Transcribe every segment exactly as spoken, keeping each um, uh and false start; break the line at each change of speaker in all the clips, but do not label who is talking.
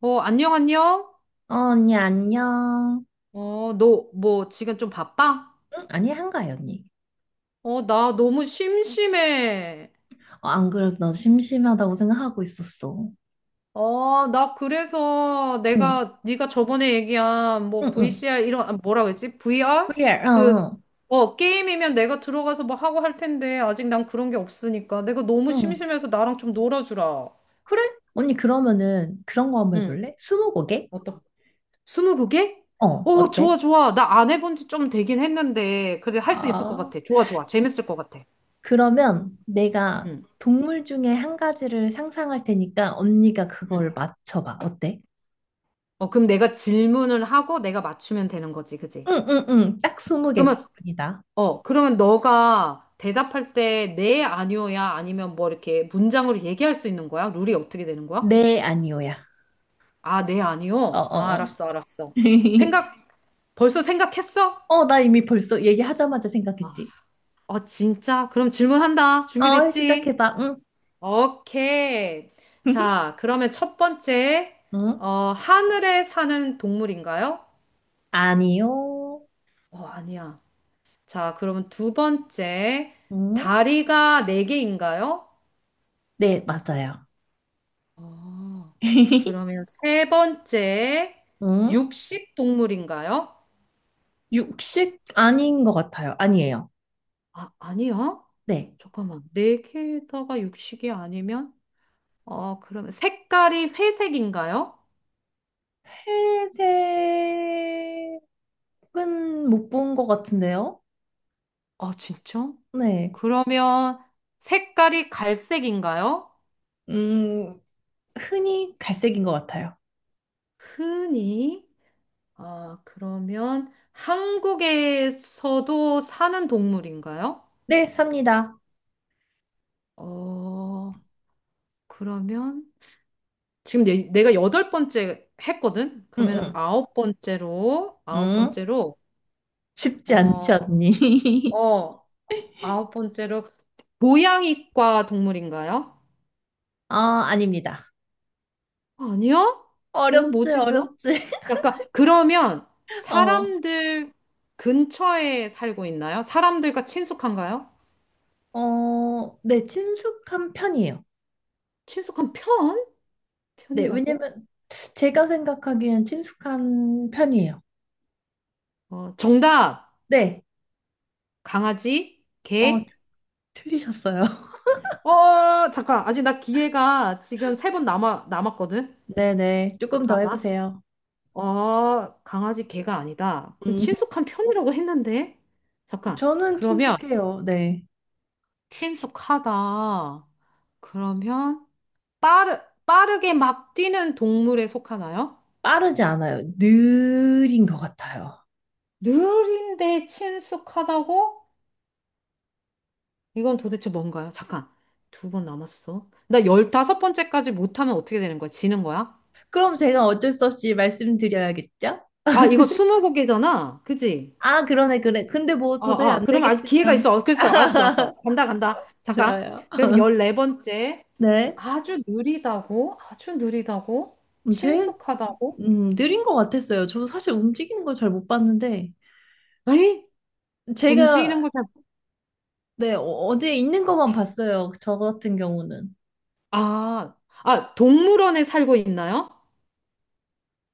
어, 안녕, 안녕?
어, 언니, 안녕.
어, 너, 뭐, 지금 좀 바빠?
응? 아니, 한가해, 언니.
어, 나 너무 심심해.
어, 안 그래도 나 심심하다고 생각하고 있었어.
어, 나 그래서
응,
내가, 네가 저번에 얘기한, 뭐,
응, 응.
브이씨알, 이런, 아, 뭐라 그랬지? 브이알?
그래, 어,
그,
어.
어, 게임이면 내가 들어가서 뭐 하고 할 텐데, 아직 난 그런 게 없으니까. 내가 너무
응.
심심해서 나랑 좀 놀아주라.
그래? 언니, 그러면은 그런 거 한번
응,
해볼래? 스무고개?
어떤, 스무고개?
어,
어, 좋아,
어때?
좋아. 나 안 해본 지 좀 되긴 했는데, 그래, 할 수 있을 것
아,
같아. 좋아, 좋아. 재밌을 것 같아.
그러면 내가
응.
동물 중에 한 가지를 상상할 테니까 언니가
응.
그걸 맞춰봐. 어때?
어, 그럼 내가 질문을 하고 내가 맞추면 되는 거지, 그지?
응, 응, 응. 딱 스무
그러면,
개뿐이다.
어, 그러면 너가 대답할 때 네, 아니요야 아니면 뭐 이렇게 문장으로 얘기할 수 있는 거야? 룰이 어떻게 되는 거야?
네, 아니오야.
아, 네,
어,
아니요? 아,
어, 어.
알았어, 알았어. 생각, 벌써 생각했어?
어, 나 이미 벌써 얘기하자마자
아,
생각했지.
어, 진짜? 그럼 질문한다.
어,
준비됐지?
시작해봐. 응?
오케이. 자, 그러면 첫 번째,
응?
어, 하늘에 사는 동물인가요?
아니요.
어, 아니야. 자, 그러면 두 번째,
응?
다리가 네 개인가요?
네, 맞아요.
어, 그러면 세 번째,
응?
육식 동물인가요?
육식 아닌 것 같아요. 아니에요.
아, 아니요.
네.
잠깐만. 네 개다가 육식이 아니면? 어, 그러면 색깔이 회색인가요?
회색은 못 본 것 같은데요?
아, 진짜?
네.
그러면 색깔이 갈색인가요?
음, 흔히 갈색인 것 같아요.
흔히? 아, 그러면 한국에서도 사는 동물인가요?
네, 삽니다.
어, 그러면 지금 내, 내가 여덟 번째 했거든?
응,
그러면
응.
아홉 번째로, 아홉
응?
번째로,
쉽지 않지,
어,
언니?
어, 아홉 번째로, 고양이과 동물인가요?
아, 아닙니다.
아니요? 어,
어렵지,
뭐지, 그럼?
어렵지.
약간, 그러면
어,
사람들 근처에 살고 있나요? 사람들과 친숙한가요?
어, 네, 친숙한 편이에요.
친숙한 편?
네,
편이라고?
왜냐면 제가 생각하기엔 친숙한 편이에요.
어, 정답!
네,
강아지,
어,
개,
틀리셨어요.
어, 잠깐. 아직 나 기회가 지금 세 번 남아, 남았거든?
네네, 조금 더
잠깐만.
해보세요.
어, 강아지 개가 아니다. 그럼
음,
친숙한 편이라고 했는데? 잠깐.
저는
그러면
친숙해요. 네,
친숙하다. 그러면 빠르, 빠르게 막 뛰는 동물에 속하나요?
빠르지 않아요. 느린 것 같아요.
느린데 친숙하다고? 이건 도대체 뭔가요? 잠깐. 두 번 남았어. 나 열다섯 번째까지 못하면 어떻게 되는 거야? 지는 거야?
그럼 제가 어쩔 수 없이 말씀드려야겠죠?
아, 이거 스무고개잖아. 그지?
아, 그러네, 그래. 근데 뭐
어,
도저히
어,
안
그럼 아직 기회가
되겠으면
있어. 어, 글쎄, 알았어, 알았어. 간다, 간다. 잠깐.
좋아요.
그럼 열네 번째.
네,
아주 느리다고? 아주 느리다고?
음, 제일
친숙하다고?
음, 느린 것 같았어요. 저 사실 움직이는 걸 잘 못 봤는데
에이?
제가
움직이는 걸 잘
네, 어- 어디에 있는 것만
못하.
봤어요. 저 같은 경우는.
아, 아, 동물원에 살고 있나요?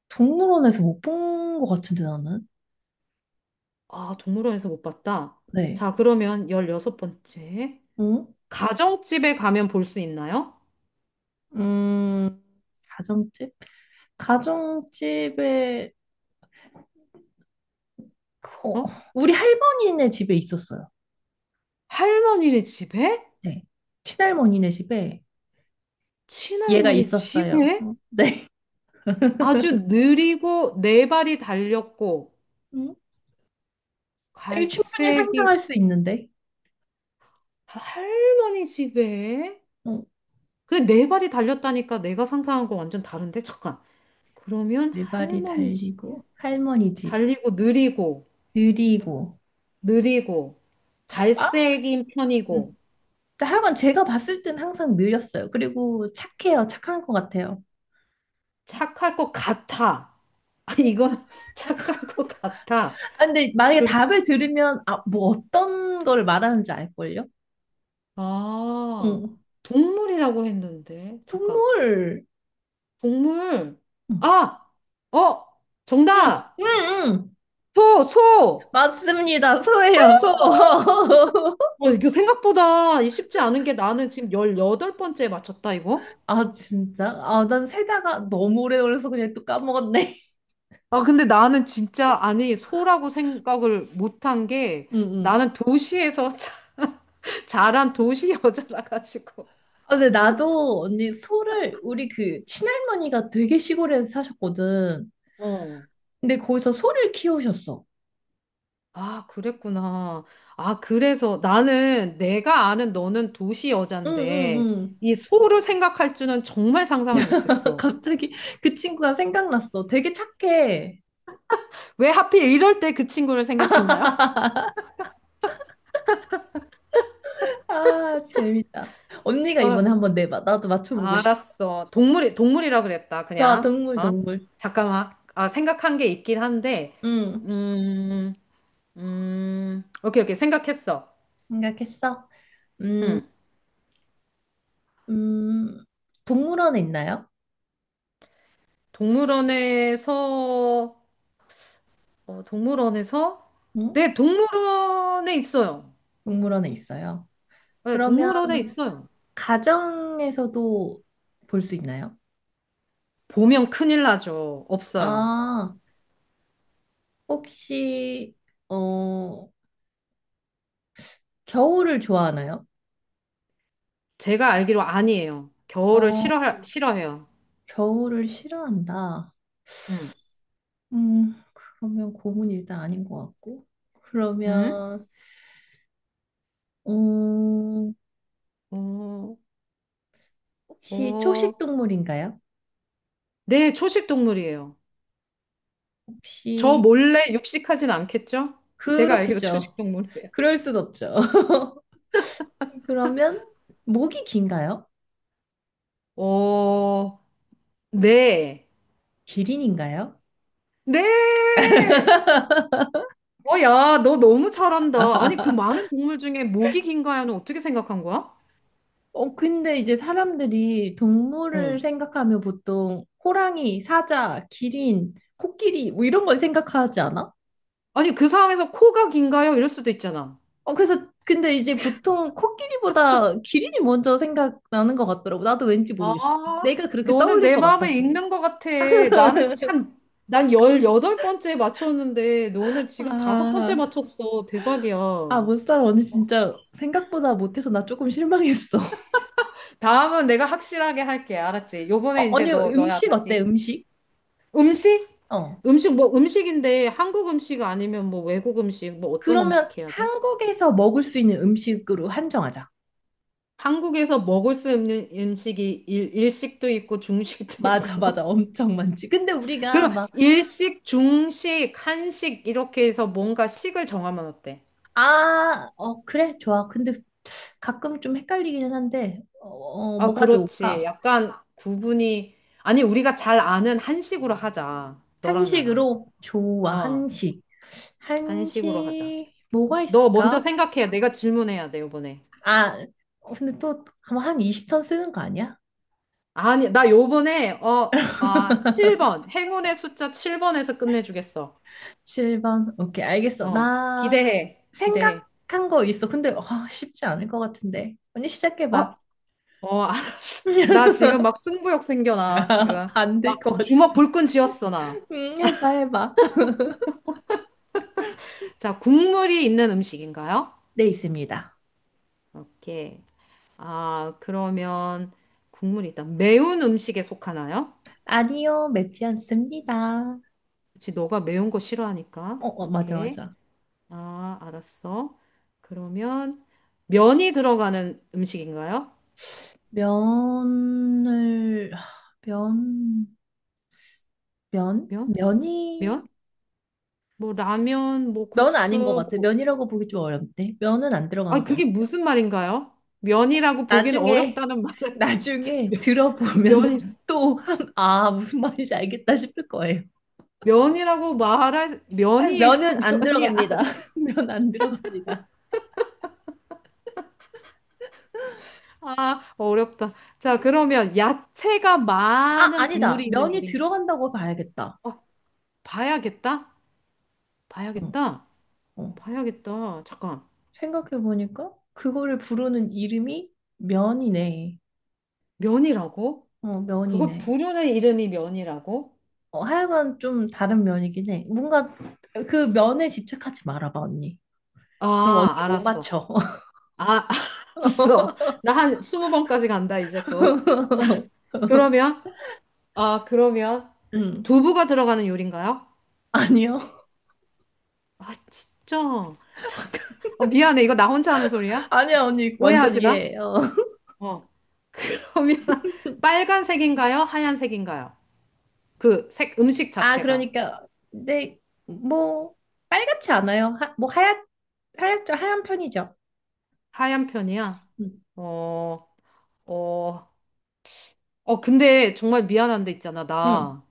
동물원에서 못 본 것 같은데 나는.
아, 동물원에서 못 봤다.
네.
자, 그러면 열여섯 번째.
응?
가정집에 가면 볼 수 있나요?
음, 가정집? 가정집에 그거
어?
우리 할머니네 집에 있었어요.
할머니네 집에?
네. 친할머니네 집에 얘가
친할머니
있었어요.
집에?
어, 네.
아주 느리고 네 발이 달렸고
응? 이거 충분히
갈색이
상상할 수 있는데.
할머니 집에?
응.
그 네 발이 달렸다니까 내가 상상한 거 완전 다른데? 잠깐. 그러면
네 발이
할머니 집에?
달리고 할머니 집
달리고 느리고
느리고
느리고
아?
갈색인
음.
편이고
하여간 제가 봤을 땐 항상 느렸어요. 그리고 착해요. 착한 것 같아요.
착할 것 같아. 아, 이건 착할 것 같아.
아, 근데 만약에
그,
답을 들으면, 아, 뭐 어떤 거를 말하는지 알걸요?
아,
응.
동물이라고 했는데. 잠깐.
동물.
동물.
응,
아! 어!
응,
정답!
응. 응.
소! 소!
맞습니다. 소예요, 소.
어, 이게 생각보다 이 쉽지 않은 게 나는 지금 열여덟 번째에 맞췄다, 이거?
아, 진짜? 아, 난 세다가 너무 오래 걸려서 그냥 또 까먹었네.
아, 근데 나는 진짜, 아니, 소라고 생각을 못한 게
응, 응.
나는 도시에서 자- 자란 도시 여자라 가지고.
아, 근데 나도 언니 소를, 우리 그 친할머니가 되게 시골에 사셨거든.
어.
근데 거기서 소를 키우셨어.
아, 그랬구나. 아, 그래서 나는 내가 아는 너는 도시
응,
여잔데
응,
이 소를 생각할 줄은 정말 상상을
응.
못했어.
갑자기 그 친구가 생각났어. 되게 착해.
왜 하필 이럴 때 그 친구를 생각했나요?
아, 재밌다. 언니가 이번에 한번 내봐. 나도 맞춰보고 싶어.
알았어. 동물이, 동물이라 그랬다,
좋아,
그냥.
동물,
어?
동물.
잠깐만. 아, 생각한 게 있긴 한데,
응,
음, 음, 오케이, 오케이. 생각했어.
생각했어. 음,
음.
음, 동물원에 있나요?
동물원에서, 어, 동물원에서?
응?
네, 동물원에 있어요.
동물원에 있어요.
네,
그러면
동물원에 있어요.
가정에서도 볼 수 있나요?
보면 큰일 나죠. 없어요.
아, 혹시, 어, 겨울을 좋아하나요?
제가 알기로 아니에요. 겨울을
어,
싫어, 싫어해요.
겨울을 싫어한다.
음,
음, 그러면 곰은 일단 아닌 것 같고.
음?
그러면, 음,
어,
혹시 초식
어,
동물인가요?
네, 초식 동물이에요. 저
혹시
몰래 육식하진 않겠죠? 제가 알기로
그렇겠죠.
초식동물이에요.
그럴 순 없죠. 그러면 목이 긴가요?
어, 네.
기린인가요?
네! 어, 야, 너 너무 잘한다. 아니, 그 많은 동물 중에 목이 긴가요는 어떻게 생각한 거야?
어, 근데 이제 사람들이 동물을
응.
생각하면 보통 호랑이, 사자, 기린, 코끼리 뭐 이런 걸 생각하지 않아?
아니, 그 상황에서 코가 긴가요? 이럴 수도 있잖아.
어, 그래서 근데 이제 보통 코끼리보다 기린이 먼저 생각나는 것 같더라고. 나도 왠지
아,
모르겠어. 내가 그렇게
너는
떠올릴
내
것
마음을
같았어.
읽는 것 같아. 나는 참, 난 열여덟 번째 맞췄는데, 너는 지금 다섯 번째
아,
맞췄어. 대박이야.
아, 못 살아. 언니 진짜 생각보다 못해서 나 조금 실망했어.
다음은 내가 확실하게 할게. 알았지? 요번에
어,
이제
언니
너, 너야,
음식 어때?
다시.
음식?
음식?
어.
음식 뭐 음식인데 한국 음식 아니면 뭐 외국 음식 뭐 어떤
그러면
음식 해야 돼?
한국에서 먹을 수 있는 음식으로 한정하자.
한국에서 먹을 수 있는 음식이 일, 일식도 있고 중식도 있고
맞아, 맞아. 엄청 많지. 근데 우리가
그러면
막,
일식, 중식, 한식 이렇게 해서 뭔가 식을 정하면 어때?
아, 어, 그래, 좋아. 근데 가끔 좀 헷갈리기는 한데, 어, 어,
아,
뭐가
그렇지.
좋을까?
약간 구분이 아니 우리가 잘 아는 한식으로 하자. 너랑 나랑.
한식으로? 좋아,
어,
한식.
한식으로 하자.
한식, 뭐가
너 먼저
있을까?
생각해. 내가 질문해야 돼, 이번에.
아, 어, 근데 또, 아마 한 이십 턴 쓰는 거 아니야?
아니, 나 요번에, 어, 아, 칠 번. 행운의 숫자 칠 번에서 끝내주겠어.
칠 번. 오케이, 알겠어.
어,
나
기대해. 기대해.
생각한 거 있어. 근데 와, 쉽지 않을 것 같은데. 언니
어,
시작해봐.
어, 알았어. 나 지금 막 승부욕 생겨나, 지금.
안
막
될 것 같은.
주먹 불끈 쥐었어, 나.
음, 해봐, 해봐.
자, 국물이 있는 음식인가요?
네, 있습니다.
오케이. 아, 그러면 국물이 있다. 매운 음식에 속하나요?
아니요, 맵지 않습니다.
그치, 너가 매운 거 싫어하니까.
어, 어, 맞아,
오케이.
맞아.
아, 알았어. 그러면 면이 들어가는 음식인가요?
면을, 면, 면?
면?
면이,
면? 뭐 라면, 뭐
면 아닌 것
국수,
같아.
뭐
면이라고 보기 좀 어렵네. 면은 안
아,
들어가는 것
그게
같아요.
무슨 말인가요? 면이라고 보기는
나중에
어렵다는 말.
나중에 들어보면은
면이
또 한, 아, 무슨 말인지 알겠다 싶을 거예요.
면이라고 말할
아니,
면이에요.
면은 안
면이 아,
들어갑니다. 면 안 들어갑니다.
아, 어렵다. 자, 그러면 야채가
아,
많은
아니다.
국물이 있는
면이
요리인가?
들어간다고 봐야겠다.
어, 봐야겠다.
어,
봐야겠다.
어.
봐야겠다. 잠깐.
생각해보니까 그거를 부르는 이름이 면이네.
면이라고?
어,
그걸
면이네.
부르는 이름이 면이라고?
어, 하여간 좀 다른 면이긴 해. 뭔가 그 면에 집착하지 말아봐, 언니. 그럼 언니
아,
못
알았어.
맞춰.
아, 알았어. 나 한 스무 번까지 간다, 이제 또. 자, 그러면 아, 그러면
음.
두부가 들어가는 요리인가요?
아니요.
아, 진짜. 잠깐. 어, 미안해. 이거 나 혼자 하는 소리야?
아니야, 언니. 완전
오해하지 마.
이해해요.
어. 그러면 빨간색인가요? 하얀색인가요? 그 색, 음식
아,
자체가.
그러니까, 근데, 뭐, 빨갛지 않아요. 하, 뭐, 하얗, 하얗죠. 하얀 편이죠.
하얀 편이야?
응,
어, 어, 어, 근데 정말 미안한데 있잖아.
응,
나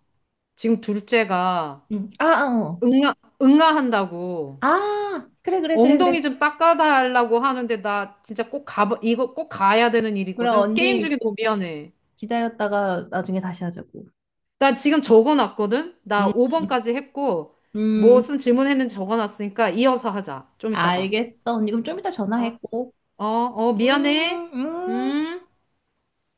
지금 둘째가
응. 아, 아, 어.
응아, 응아한다고.
아, 그래, 그래, 그래, 그래.
엉덩이 좀 닦아달라고 하는데 나 진짜 꼭 가, 이거 꼭 가야 되는
그럼
일이거든. 게임
언니
중에 너무 미안해.
기다렸다가 나중에 다시 하자고.
나 지금 적어놨거든? 나
음,
다섯 번까지 했고,
음,
무슨 질문했는지 적어놨으니까 이어서 하자. 좀 이따가.
알겠어. 언니 그럼 좀 이따 전화했고.
어, 어,
음,
미안해.
음.
음.